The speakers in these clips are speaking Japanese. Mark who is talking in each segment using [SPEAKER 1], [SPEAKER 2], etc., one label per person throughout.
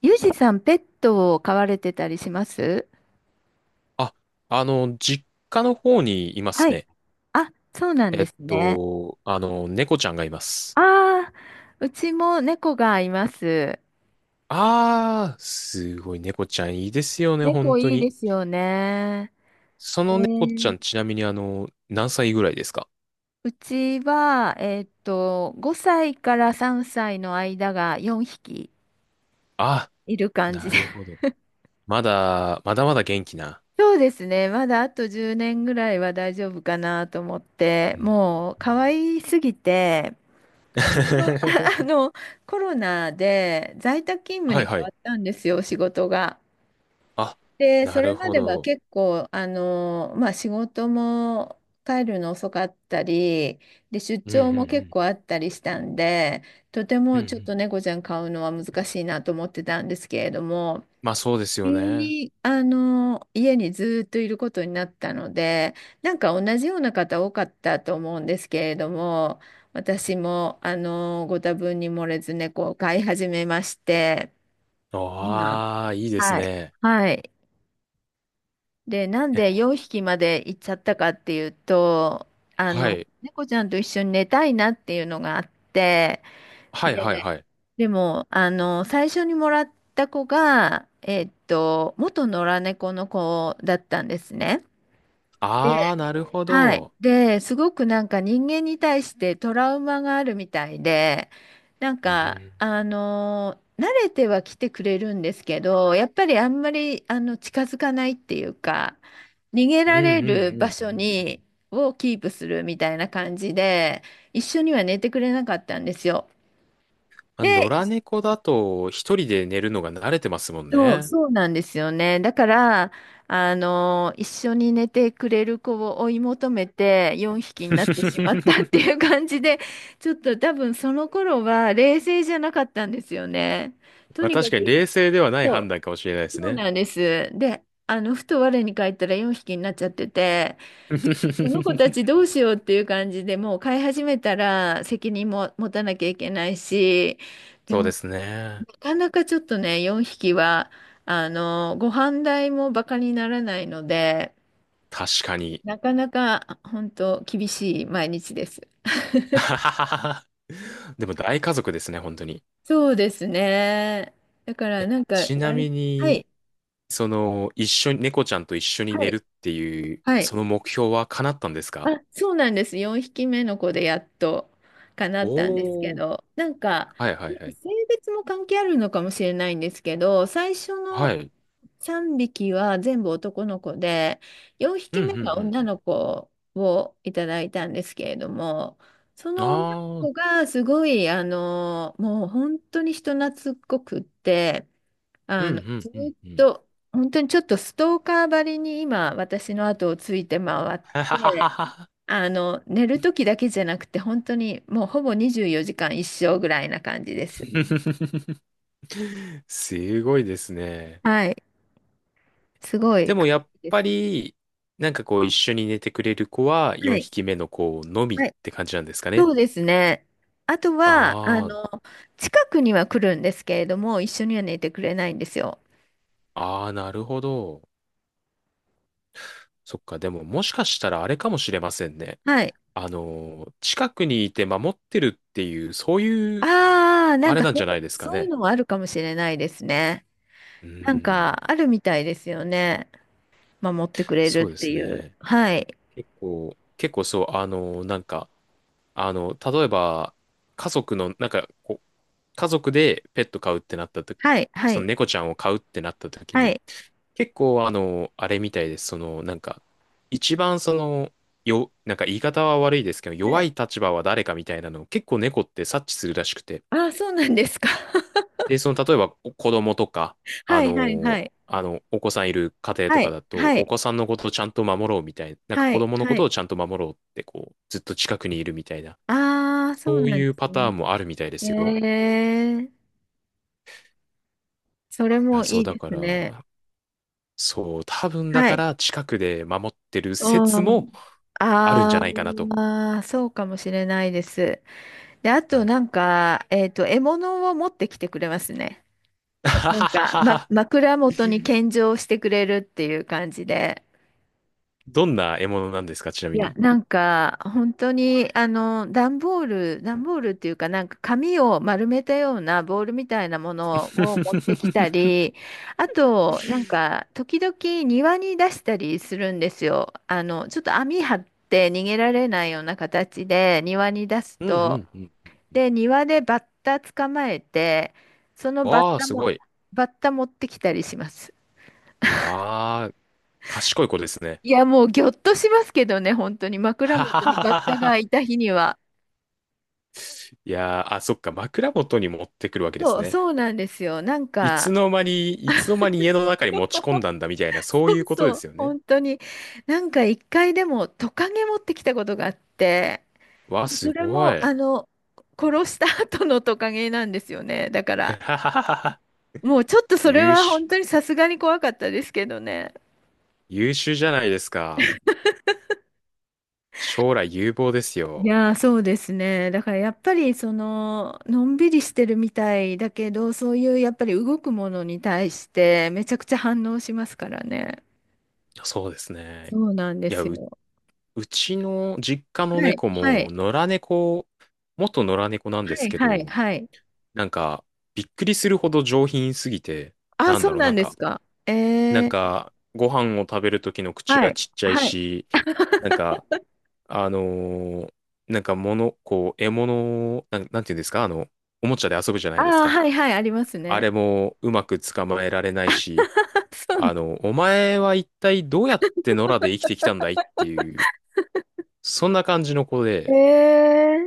[SPEAKER 1] ユージさん、ペットを飼われてたりします？
[SPEAKER 2] あ、実家の方にいま
[SPEAKER 1] は
[SPEAKER 2] す
[SPEAKER 1] い。
[SPEAKER 2] ね。
[SPEAKER 1] あ、そうなんですね。
[SPEAKER 2] 猫ちゃんがいます。
[SPEAKER 1] ああ、うちも猫がいます。
[SPEAKER 2] あー、すごい猫ちゃんいいですよね、本
[SPEAKER 1] 猫
[SPEAKER 2] 当
[SPEAKER 1] いいで
[SPEAKER 2] に。
[SPEAKER 1] すよね。
[SPEAKER 2] そ
[SPEAKER 1] え
[SPEAKER 2] の猫ちゃ
[SPEAKER 1] ー、
[SPEAKER 2] ん、ちなみに何歳ぐらいですか？
[SPEAKER 1] うちは、5歳から3歳の間が4匹
[SPEAKER 2] あ、
[SPEAKER 1] いる感じ
[SPEAKER 2] な
[SPEAKER 1] で。
[SPEAKER 2] るほど。まだまだ元気な。
[SPEAKER 1] そうですね。まだあと10年ぐらいは大丈夫かなと思って、
[SPEAKER 2] うん。
[SPEAKER 1] もう可愛すぎて、ちょっあ の、コロナで在宅勤務
[SPEAKER 2] はい
[SPEAKER 1] に変
[SPEAKER 2] は
[SPEAKER 1] わ
[SPEAKER 2] い。
[SPEAKER 1] ったんですよ、仕事が。
[SPEAKER 2] あ、
[SPEAKER 1] で、
[SPEAKER 2] な
[SPEAKER 1] それ
[SPEAKER 2] る
[SPEAKER 1] ま
[SPEAKER 2] ほ
[SPEAKER 1] では
[SPEAKER 2] ど。
[SPEAKER 1] 結構、仕事も帰るの遅かったり、で、出
[SPEAKER 2] うんう
[SPEAKER 1] 張も結
[SPEAKER 2] ん
[SPEAKER 1] 構あったりしたんで、とて
[SPEAKER 2] うん。
[SPEAKER 1] も
[SPEAKER 2] うんう
[SPEAKER 1] ちょっ
[SPEAKER 2] ん。
[SPEAKER 1] と猫ちゃん飼うのは難しいなと思ってたんですけれども、
[SPEAKER 2] まあそうですよ
[SPEAKER 1] 急
[SPEAKER 2] ね。
[SPEAKER 1] に、家にずっといることになったので、なんか同じような方多かったと思うんですけれども、私も、ご多分に漏れず猫を飼い始めまして、今、
[SPEAKER 2] ああ、いいです
[SPEAKER 1] はい。
[SPEAKER 2] ね。
[SPEAKER 1] はい。で、なん
[SPEAKER 2] え、
[SPEAKER 1] で4匹まで行っちゃったかっていうと、
[SPEAKER 2] はい。
[SPEAKER 1] 猫ちゃんと一緒に寝たいなっていうのがあって、
[SPEAKER 2] はいはい
[SPEAKER 1] で
[SPEAKER 2] はい。
[SPEAKER 1] でも、最初にもらった子が、元野良猫の子だったんですね。で、
[SPEAKER 2] ああ、なるほ
[SPEAKER 1] はい。
[SPEAKER 2] ど。
[SPEAKER 1] で、すごくなんか人間に対してトラウマがあるみたいで、なん
[SPEAKER 2] う
[SPEAKER 1] か、
[SPEAKER 2] ん。
[SPEAKER 1] 慣れては来てくれるんですけど、やっぱりあんまり、近づかないっていうか、逃げ
[SPEAKER 2] うんう
[SPEAKER 1] られる場
[SPEAKER 2] んうんう
[SPEAKER 1] 所
[SPEAKER 2] ん。
[SPEAKER 1] に、をキープするみたいな感じで、一緒には寝てくれなかったんですよ。
[SPEAKER 2] まあ、野良
[SPEAKER 1] で
[SPEAKER 2] 猫だと一人で寝るのが慣れてますもん
[SPEAKER 1] そう、
[SPEAKER 2] ね。
[SPEAKER 1] そうなんですよね。だから、一緒に寝てくれる子を追い求めて4匹になってしまったって いう感じで、ちょっと多分その頃は冷静じゃなかったんですよね。と
[SPEAKER 2] まあ
[SPEAKER 1] にか
[SPEAKER 2] 確かに
[SPEAKER 1] く、
[SPEAKER 2] 冷静ではない
[SPEAKER 1] そ
[SPEAKER 2] 判断かもしれないで
[SPEAKER 1] う、
[SPEAKER 2] す
[SPEAKER 1] そう
[SPEAKER 2] ね。
[SPEAKER 1] なんです。で、ふと我に返ったら4匹になっちゃってて、この子た ちどうしようっていう感じでもう飼い始めたら責任も持たなきゃいけないし、で
[SPEAKER 2] そうで
[SPEAKER 1] も
[SPEAKER 2] す
[SPEAKER 1] な
[SPEAKER 2] ね。
[SPEAKER 1] かなかちょっとね、4匹は、ご飯代もバカにならないので、
[SPEAKER 2] 確かに。
[SPEAKER 1] なかなか本当厳しい毎日です。
[SPEAKER 2] でも大家族ですね、本当に。
[SPEAKER 1] そうですね。だからなんか、
[SPEAKER 2] ちなみ
[SPEAKER 1] は
[SPEAKER 2] に、
[SPEAKER 1] い、
[SPEAKER 2] その、一緒に、猫ちゃんと一緒に
[SPEAKER 1] は
[SPEAKER 2] 寝
[SPEAKER 1] い、
[SPEAKER 2] るっていう、
[SPEAKER 1] はい。
[SPEAKER 2] その目標は叶ったんですか？
[SPEAKER 1] あ、そうなんです。4匹目の子でやっと叶ったんですけ
[SPEAKER 2] おー。
[SPEAKER 1] ど、なんか、
[SPEAKER 2] はいはいはい。
[SPEAKER 1] 性別も関係あるのかもしれないんですけど、最初の
[SPEAKER 2] はい。
[SPEAKER 1] 3匹は全部男の子で、4
[SPEAKER 2] う
[SPEAKER 1] 匹
[SPEAKER 2] んう
[SPEAKER 1] 目が
[SPEAKER 2] ん
[SPEAKER 1] 女
[SPEAKER 2] うん
[SPEAKER 1] の子をいただいたんですけれども、そ
[SPEAKER 2] うん。
[SPEAKER 1] の女
[SPEAKER 2] あー。
[SPEAKER 1] の子がすごい、もう本当に人懐っこくって、
[SPEAKER 2] うんう
[SPEAKER 1] ず
[SPEAKER 2] んうん
[SPEAKER 1] っ
[SPEAKER 2] うん。
[SPEAKER 1] と、本当にちょっとストーカーばりに今、私の後をついて回っ
[SPEAKER 2] ははは
[SPEAKER 1] て、
[SPEAKER 2] は。
[SPEAKER 1] 寝る時だけじゃなくて、本当にもうほぼ24時間一生ぐらいな感じです。
[SPEAKER 2] すごいですね。
[SPEAKER 1] はい。すご
[SPEAKER 2] で
[SPEAKER 1] い
[SPEAKER 2] も
[SPEAKER 1] 可
[SPEAKER 2] や
[SPEAKER 1] 愛
[SPEAKER 2] っ
[SPEAKER 1] いで
[SPEAKER 2] ぱ
[SPEAKER 1] す。
[SPEAKER 2] り、なんかこう一緒に寝てくれる子は
[SPEAKER 1] は
[SPEAKER 2] 4
[SPEAKER 1] い。
[SPEAKER 2] 匹目の子のみ
[SPEAKER 1] は
[SPEAKER 2] っ
[SPEAKER 1] い。
[SPEAKER 2] て感じなんですかね。
[SPEAKER 1] そうですね。あとは、
[SPEAKER 2] あ
[SPEAKER 1] 近くには来るんですけれども、一緒には寝てくれないんですよ。
[SPEAKER 2] あ、ああ、なるほど。そっか、でももしかしたらあれかもしれませんね。
[SPEAKER 1] はい。
[SPEAKER 2] あのー、近くにいて守ってるっていう、そういう、
[SPEAKER 1] ああ、な
[SPEAKER 2] あ
[SPEAKER 1] ん
[SPEAKER 2] れ
[SPEAKER 1] か
[SPEAKER 2] なん
[SPEAKER 1] そ
[SPEAKER 2] じ
[SPEAKER 1] う、
[SPEAKER 2] ゃないですか
[SPEAKER 1] そういう
[SPEAKER 2] ね。
[SPEAKER 1] のもあるかもしれないですね。
[SPEAKER 2] うー
[SPEAKER 1] なんか、
[SPEAKER 2] ん、
[SPEAKER 1] あるみたいですよね。守ってくれ
[SPEAKER 2] そ
[SPEAKER 1] る
[SPEAKER 2] う
[SPEAKER 1] っ
[SPEAKER 2] で
[SPEAKER 1] て
[SPEAKER 2] す
[SPEAKER 1] いう。
[SPEAKER 2] ね。
[SPEAKER 1] はい。
[SPEAKER 2] 結構そう、例えば、家族の、なんか、こう家族でペット飼うってなったと、
[SPEAKER 1] はい、は
[SPEAKER 2] そ
[SPEAKER 1] い、
[SPEAKER 2] の猫ちゃんを飼うってなった時
[SPEAKER 1] は
[SPEAKER 2] に、
[SPEAKER 1] い。
[SPEAKER 2] 結構あの、あれみたいです。一番その、よ、なんか言い方は悪いですけど、
[SPEAKER 1] は
[SPEAKER 2] 弱
[SPEAKER 1] い。
[SPEAKER 2] い立場は誰かみたいなのを結構猫って察知するらしくて。
[SPEAKER 1] ああ、そうなんですか？
[SPEAKER 2] で、その、例えばお子供とか、
[SPEAKER 1] はい、はい、はい。
[SPEAKER 2] お子さんいる家庭と
[SPEAKER 1] は
[SPEAKER 2] か
[SPEAKER 1] い、
[SPEAKER 2] だと、
[SPEAKER 1] は
[SPEAKER 2] お
[SPEAKER 1] い、
[SPEAKER 2] 子さんのことをちゃんと守ろうみたいな、なんか
[SPEAKER 1] は
[SPEAKER 2] 子
[SPEAKER 1] い、
[SPEAKER 2] 供のこ
[SPEAKER 1] は
[SPEAKER 2] と
[SPEAKER 1] い。
[SPEAKER 2] をちゃんと守ろうって、こう、ずっと近くにいるみたいな、
[SPEAKER 1] ああ、そう
[SPEAKER 2] そう
[SPEAKER 1] なん
[SPEAKER 2] い
[SPEAKER 1] で
[SPEAKER 2] う
[SPEAKER 1] す
[SPEAKER 2] パター
[SPEAKER 1] ね。
[SPEAKER 2] ンもあるみたいで
[SPEAKER 1] え
[SPEAKER 2] すよ。
[SPEAKER 1] え、それ
[SPEAKER 2] い
[SPEAKER 1] も
[SPEAKER 2] や、そ
[SPEAKER 1] い
[SPEAKER 2] う、
[SPEAKER 1] い
[SPEAKER 2] だ
[SPEAKER 1] で
[SPEAKER 2] か
[SPEAKER 1] すね。
[SPEAKER 2] ら、そう、多分だ
[SPEAKER 1] は
[SPEAKER 2] か
[SPEAKER 1] い。
[SPEAKER 2] ら近くで守ってる説
[SPEAKER 1] う
[SPEAKER 2] も
[SPEAKER 1] ん。
[SPEAKER 2] あるんじ
[SPEAKER 1] あ
[SPEAKER 2] ゃないかなと。
[SPEAKER 1] あ、そうかもしれないです。で、あ
[SPEAKER 2] は
[SPEAKER 1] と
[SPEAKER 2] い。
[SPEAKER 1] なんか、獲物を持ってきてくれますね。
[SPEAKER 2] あは
[SPEAKER 1] なん
[SPEAKER 2] は
[SPEAKER 1] か、
[SPEAKER 2] はは。
[SPEAKER 1] 枕元に献上してくれるっていう感じで。
[SPEAKER 2] どんな獲物なんですか、ちな
[SPEAKER 1] い
[SPEAKER 2] み
[SPEAKER 1] や、
[SPEAKER 2] に。
[SPEAKER 1] なんか、本当に、段ボールっていうか、なんか紙を丸めたようなボールみたいなものを持ってきた り、あと、なんか、時々庭に出したりするんですよ。ちょっと網張って逃げられないような形で庭に出す
[SPEAKER 2] うん
[SPEAKER 1] と、
[SPEAKER 2] うんうん。
[SPEAKER 1] で、庭でバッタ捕まえて、そのバッ
[SPEAKER 2] わあ、
[SPEAKER 1] タ
[SPEAKER 2] す
[SPEAKER 1] も、
[SPEAKER 2] ごい。
[SPEAKER 1] バッタ持ってきたりします。
[SPEAKER 2] ああ、賢い子ですね。
[SPEAKER 1] いや、もうぎょっとしますけどね、本当に 枕
[SPEAKER 2] はは
[SPEAKER 1] 元
[SPEAKER 2] は
[SPEAKER 1] にバッ
[SPEAKER 2] は
[SPEAKER 1] タが
[SPEAKER 2] は。
[SPEAKER 1] いた日には。
[SPEAKER 2] いやー、あ、そっか、枕元に持ってくるわけです
[SPEAKER 1] そう、
[SPEAKER 2] ね。
[SPEAKER 1] そうなんですよ。なん
[SPEAKER 2] いつ
[SPEAKER 1] か、
[SPEAKER 2] の間に、いつの間に家の中に持ち込んだんだみたいな、そういうことで
[SPEAKER 1] そう、
[SPEAKER 2] すよね。
[SPEAKER 1] 本当に、なんか一回でもトカゲ持ってきたことがあって、
[SPEAKER 2] わあ、す
[SPEAKER 1] それ
[SPEAKER 2] ご
[SPEAKER 1] も、
[SPEAKER 2] い。
[SPEAKER 1] 殺した 後のトカゲなんですよね。だから、
[SPEAKER 2] はははは。
[SPEAKER 1] もうちょっとそれ
[SPEAKER 2] 優
[SPEAKER 1] は
[SPEAKER 2] 秀、
[SPEAKER 1] 本当にさすがに怖かったですけどね。
[SPEAKER 2] 優秀じゃないですか。将来有望です
[SPEAKER 1] い
[SPEAKER 2] よ。
[SPEAKER 1] やー、そうですね。だからやっぱり、のんびりしてるみたいだけど、そういうやっぱり動くものに対して、めちゃくちゃ反応しますからね。
[SPEAKER 2] そうですね。
[SPEAKER 1] そうなんで
[SPEAKER 2] いや、
[SPEAKER 1] す
[SPEAKER 2] う、
[SPEAKER 1] よ。
[SPEAKER 2] うちの実家の
[SPEAKER 1] はい、
[SPEAKER 2] 猫
[SPEAKER 1] は
[SPEAKER 2] も、
[SPEAKER 1] い、
[SPEAKER 2] 野良猫、元野良猫なん
[SPEAKER 1] は
[SPEAKER 2] です
[SPEAKER 1] い、
[SPEAKER 2] け
[SPEAKER 1] はい、
[SPEAKER 2] ど、
[SPEAKER 1] はい。
[SPEAKER 2] なんか、びっくりするほど上品すぎて、
[SPEAKER 1] あ、
[SPEAKER 2] なん
[SPEAKER 1] そ
[SPEAKER 2] だ
[SPEAKER 1] う
[SPEAKER 2] ろう、
[SPEAKER 1] な
[SPEAKER 2] な
[SPEAKER 1] ん
[SPEAKER 2] ん
[SPEAKER 1] です
[SPEAKER 2] か、
[SPEAKER 1] か？ええ。
[SPEAKER 2] ご飯を食べる時の口
[SPEAKER 1] は
[SPEAKER 2] は
[SPEAKER 1] い。
[SPEAKER 2] ちっちゃい
[SPEAKER 1] はい。
[SPEAKER 2] し、なんか、あのーなんか物、こう、獲物を、なん、なんていうんですか、あの、おもちゃで遊ぶじゃな
[SPEAKER 1] あ
[SPEAKER 2] いです
[SPEAKER 1] あ、
[SPEAKER 2] か。
[SPEAKER 1] はいはい、あります
[SPEAKER 2] あ
[SPEAKER 1] ね。
[SPEAKER 2] れもうまく捕まえられないし、
[SPEAKER 1] あそうな
[SPEAKER 2] あ
[SPEAKER 1] ん
[SPEAKER 2] の、お前は一体どうやって野良で生きてきたんだいっていう、そんな感じの子で、
[SPEAKER 1] ええ。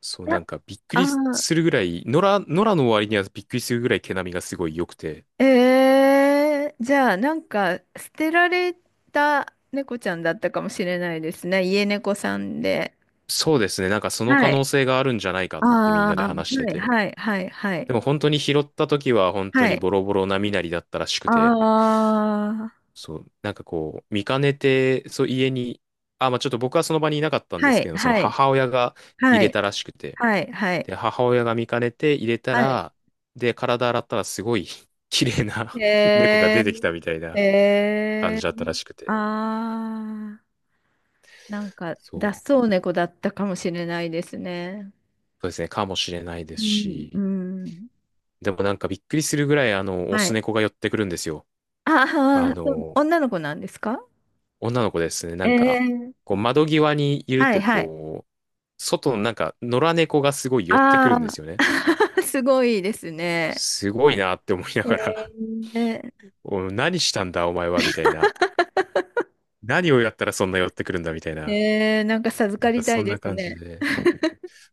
[SPEAKER 2] そうな
[SPEAKER 1] な
[SPEAKER 2] んかびっく
[SPEAKER 1] あ
[SPEAKER 2] り
[SPEAKER 1] ー、
[SPEAKER 2] するぐらい、野良の割にはびっくりするぐらい毛並みがすごい良くて、
[SPEAKER 1] ええ、じゃあ、なんか、捨てられた猫ちゃんだったかもしれないですね。家猫さんで。
[SPEAKER 2] そうですね、なんかその可
[SPEAKER 1] はい。
[SPEAKER 2] 能性があるんじゃないかってみん
[SPEAKER 1] あ
[SPEAKER 2] なで
[SPEAKER 1] あ、は
[SPEAKER 2] 話して
[SPEAKER 1] い
[SPEAKER 2] て、
[SPEAKER 1] はいはいはい。
[SPEAKER 2] でも本当に拾った時は本当
[SPEAKER 1] は
[SPEAKER 2] に
[SPEAKER 1] い。
[SPEAKER 2] ボロボロな身なりだったらしくて、
[SPEAKER 1] ああ、
[SPEAKER 2] そう、なんかこう、見かねて、そう、家に、あ、まあちょっと僕はその場にいなかったんで
[SPEAKER 1] は
[SPEAKER 2] す
[SPEAKER 1] い
[SPEAKER 2] けど、その
[SPEAKER 1] はい
[SPEAKER 2] 母親が入
[SPEAKER 1] は
[SPEAKER 2] れ
[SPEAKER 1] い
[SPEAKER 2] たらしくて、
[SPEAKER 1] はいはい。
[SPEAKER 2] で、母親が見かねて入れた
[SPEAKER 1] はい。
[SPEAKER 2] ら、で、体洗ったらすごい 綺麗な 猫が
[SPEAKER 1] え
[SPEAKER 2] 出てきたみたい
[SPEAKER 1] え。
[SPEAKER 2] な
[SPEAKER 1] え
[SPEAKER 2] 感じ
[SPEAKER 1] え。
[SPEAKER 2] だったらしくて、
[SPEAKER 1] ああー。なんか、
[SPEAKER 2] そ
[SPEAKER 1] 脱
[SPEAKER 2] う、
[SPEAKER 1] 走猫だったかもしれないですね。
[SPEAKER 2] そうですね、かもしれないで
[SPEAKER 1] う
[SPEAKER 2] す
[SPEAKER 1] ん、う
[SPEAKER 2] し、
[SPEAKER 1] ん。
[SPEAKER 2] でもなんかびっくりするぐらい、あの、オ
[SPEAKER 1] は
[SPEAKER 2] ス
[SPEAKER 1] い。
[SPEAKER 2] 猫が寄ってくるんですよ。
[SPEAKER 1] ああ、
[SPEAKER 2] あ
[SPEAKER 1] そう、
[SPEAKER 2] の
[SPEAKER 1] 女の子なんですか？
[SPEAKER 2] 女の子ですね。なんか、
[SPEAKER 1] ええ。
[SPEAKER 2] こう窓際にいる
[SPEAKER 1] はい
[SPEAKER 2] と、
[SPEAKER 1] はい。
[SPEAKER 2] こう、外のなんか野良猫がすごい寄ってくる
[SPEAKER 1] あ
[SPEAKER 2] んですよ
[SPEAKER 1] あ、
[SPEAKER 2] ね。
[SPEAKER 1] すごいですね。
[SPEAKER 2] すごいなって思いな
[SPEAKER 1] え
[SPEAKER 2] がら、
[SPEAKER 1] え、
[SPEAKER 2] お、何したんだお前はみたいな。何をやったらそんな寄ってくるんだみたいな。
[SPEAKER 1] ええ、なんか授
[SPEAKER 2] な
[SPEAKER 1] か
[SPEAKER 2] んか
[SPEAKER 1] りた
[SPEAKER 2] そ
[SPEAKER 1] い
[SPEAKER 2] ん
[SPEAKER 1] で
[SPEAKER 2] な
[SPEAKER 1] す
[SPEAKER 2] 感じ
[SPEAKER 1] ね。
[SPEAKER 2] で。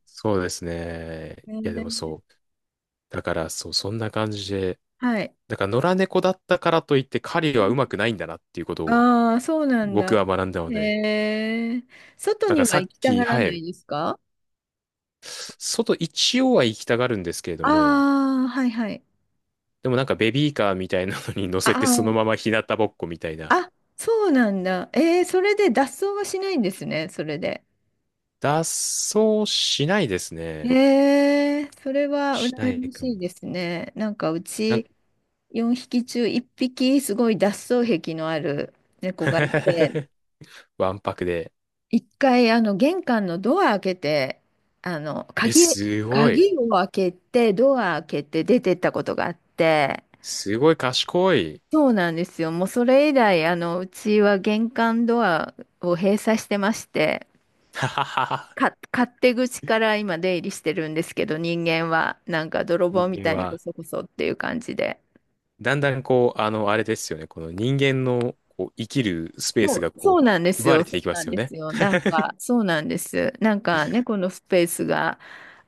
[SPEAKER 2] そうですね。
[SPEAKER 1] え
[SPEAKER 2] いやで
[SPEAKER 1] え。
[SPEAKER 2] もそう。だからそう、そんな感じで。
[SPEAKER 1] はい。
[SPEAKER 2] だから野良猫だったからといって狩りはうまくないんだなっていうことを
[SPEAKER 1] ああ、そうなん
[SPEAKER 2] 僕
[SPEAKER 1] だ。
[SPEAKER 2] は学んだの
[SPEAKER 1] え
[SPEAKER 2] で。
[SPEAKER 1] え、外
[SPEAKER 2] だか
[SPEAKER 1] に
[SPEAKER 2] ら
[SPEAKER 1] は
[SPEAKER 2] さっ
[SPEAKER 1] 行きた
[SPEAKER 2] き、
[SPEAKER 1] がら
[SPEAKER 2] は
[SPEAKER 1] な
[SPEAKER 2] い。
[SPEAKER 1] いですか？
[SPEAKER 2] 外一応は行きたがるんですけれども、
[SPEAKER 1] ああー、はいはい。
[SPEAKER 2] でもなんかベビーカーみたいなのに乗せてその
[SPEAKER 1] あ、
[SPEAKER 2] まま日向ぼっこみたいな。
[SPEAKER 1] あ、そうなんだ。えー、それで脱走はしないんですね、それで。
[SPEAKER 2] 脱走しないですね。
[SPEAKER 1] えー、それは
[SPEAKER 2] しな
[SPEAKER 1] 羨
[SPEAKER 2] い
[SPEAKER 1] ま
[SPEAKER 2] か
[SPEAKER 1] しい
[SPEAKER 2] も。
[SPEAKER 1] ですね。なんかう
[SPEAKER 2] なんか
[SPEAKER 1] ち4匹中1匹すごい脱走癖のある猫がいて、
[SPEAKER 2] わんぱくで。
[SPEAKER 1] 一回あの玄関のドア開けて、あの
[SPEAKER 2] え、
[SPEAKER 1] 鍵、
[SPEAKER 2] すごい。
[SPEAKER 1] 鍵を開けて、ドア開けて出てったことがあって、
[SPEAKER 2] すごい賢い。
[SPEAKER 1] そうなんですよ。もうそれ以来、うちは玄関ドアを閉鎖してまして、
[SPEAKER 2] はははは。
[SPEAKER 1] 勝手口から今出入りしてるんですけど、人間はなんか泥棒
[SPEAKER 2] 人
[SPEAKER 1] みた
[SPEAKER 2] 間
[SPEAKER 1] いにこ
[SPEAKER 2] は。
[SPEAKER 1] そこそっていう感じで。
[SPEAKER 2] だんだんこう、あの、あれですよね。この人間のこう生きるスペー
[SPEAKER 1] そ
[SPEAKER 2] ス
[SPEAKER 1] う、
[SPEAKER 2] が
[SPEAKER 1] そう
[SPEAKER 2] こ
[SPEAKER 1] なんで
[SPEAKER 2] う、
[SPEAKER 1] す
[SPEAKER 2] 奪わ
[SPEAKER 1] よ。
[SPEAKER 2] れ
[SPEAKER 1] そ
[SPEAKER 2] てい
[SPEAKER 1] う
[SPEAKER 2] きま
[SPEAKER 1] な
[SPEAKER 2] す
[SPEAKER 1] ん
[SPEAKER 2] よ
[SPEAKER 1] で
[SPEAKER 2] ね。
[SPEAKER 1] すよ。なんか、そうなんです。なんか猫のスペースが、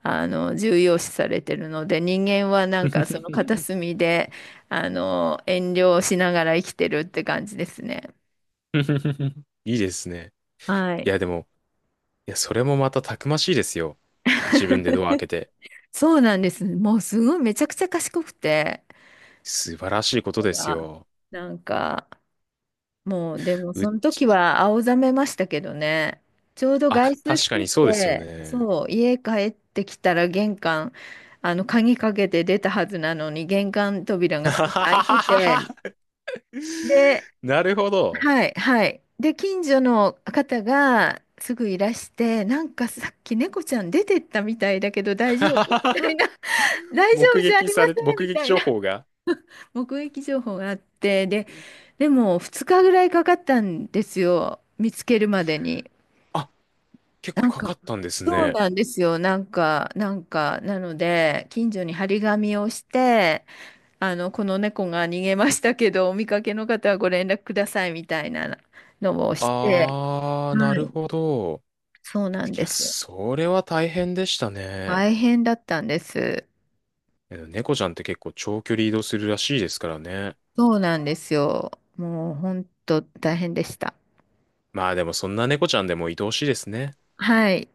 [SPEAKER 1] 重要視されてるので、人間はなんかその片隅で、遠慮しながら生きてるって感じですね。
[SPEAKER 2] いいですね。
[SPEAKER 1] は
[SPEAKER 2] い
[SPEAKER 1] い。
[SPEAKER 2] や、でも、いや、それもまたたくましいですよ。自分でドア開けて。
[SPEAKER 1] そうなんです。もうすごいめちゃくちゃ賢くて、
[SPEAKER 2] 素晴らしいこと
[SPEAKER 1] 猫
[SPEAKER 2] です
[SPEAKER 1] が
[SPEAKER 2] よ。
[SPEAKER 1] なんか、もう、でも、
[SPEAKER 2] う、
[SPEAKER 1] その時は青ざめましたけどね。ちょうど
[SPEAKER 2] あ、
[SPEAKER 1] 外出し
[SPEAKER 2] 確か
[SPEAKER 1] て
[SPEAKER 2] にそうですよ
[SPEAKER 1] て、
[SPEAKER 2] ね。
[SPEAKER 1] そう、家帰ってきたら玄関、鍵かけて出たはずなのに、玄関扉が少し開いてて、で、
[SPEAKER 2] なるほど。
[SPEAKER 1] はい、はい。で、近所の方がすぐいらして、なんかさっき猫ちゃん出てったみたいだけど大丈夫みたい な、大丈
[SPEAKER 2] 目
[SPEAKER 1] 夫じゃあ
[SPEAKER 2] 撃
[SPEAKER 1] りま
[SPEAKER 2] さ
[SPEAKER 1] せ
[SPEAKER 2] れて、
[SPEAKER 1] ん
[SPEAKER 2] 目
[SPEAKER 1] み
[SPEAKER 2] 撃
[SPEAKER 1] たい
[SPEAKER 2] 情
[SPEAKER 1] な。
[SPEAKER 2] 報が。
[SPEAKER 1] 目撃情報があって、で、でも2日ぐらいかかったんですよ、見つけるまでに。
[SPEAKER 2] あ、結構
[SPEAKER 1] なん
[SPEAKER 2] か
[SPEAKER 1] か、
[SPEAKER 2] かったんです
[SPEAKER 1] そう
[SPEAKER 2] ね。
[SPEAKER 1] なんですよ、なので、近所に張り紙をして、この猫が逃げましたけど、お見かけの方はご連絡くださいみたいなのをして、
[SPEAKER 2] あー、な
[SPEAKER 1] は
[SPEAKER 2] る
[SPEAKER 1] い、
[SPEAKER 2] ほど。
[SPEAKER 1] そうなん
[SPEAKER 2] い
[SPEAKER 1] で
[SPEAKER 2] や、
[SPEAKER 1] すよ。
[SPEAKER 2] それは大変でしたね。
[SPEAKER 1] 大変だったんです。
[SPEAKER 2] え猫ちゃんって結構長距離移動するらしいですからね。
[SPEAKER 1] そうなんですよ。もう、本当大変でした。
[SPEAKER 2] まあでもそんな猫ちゃんでも愛おしいですね。
[SPEAKER 1] はい。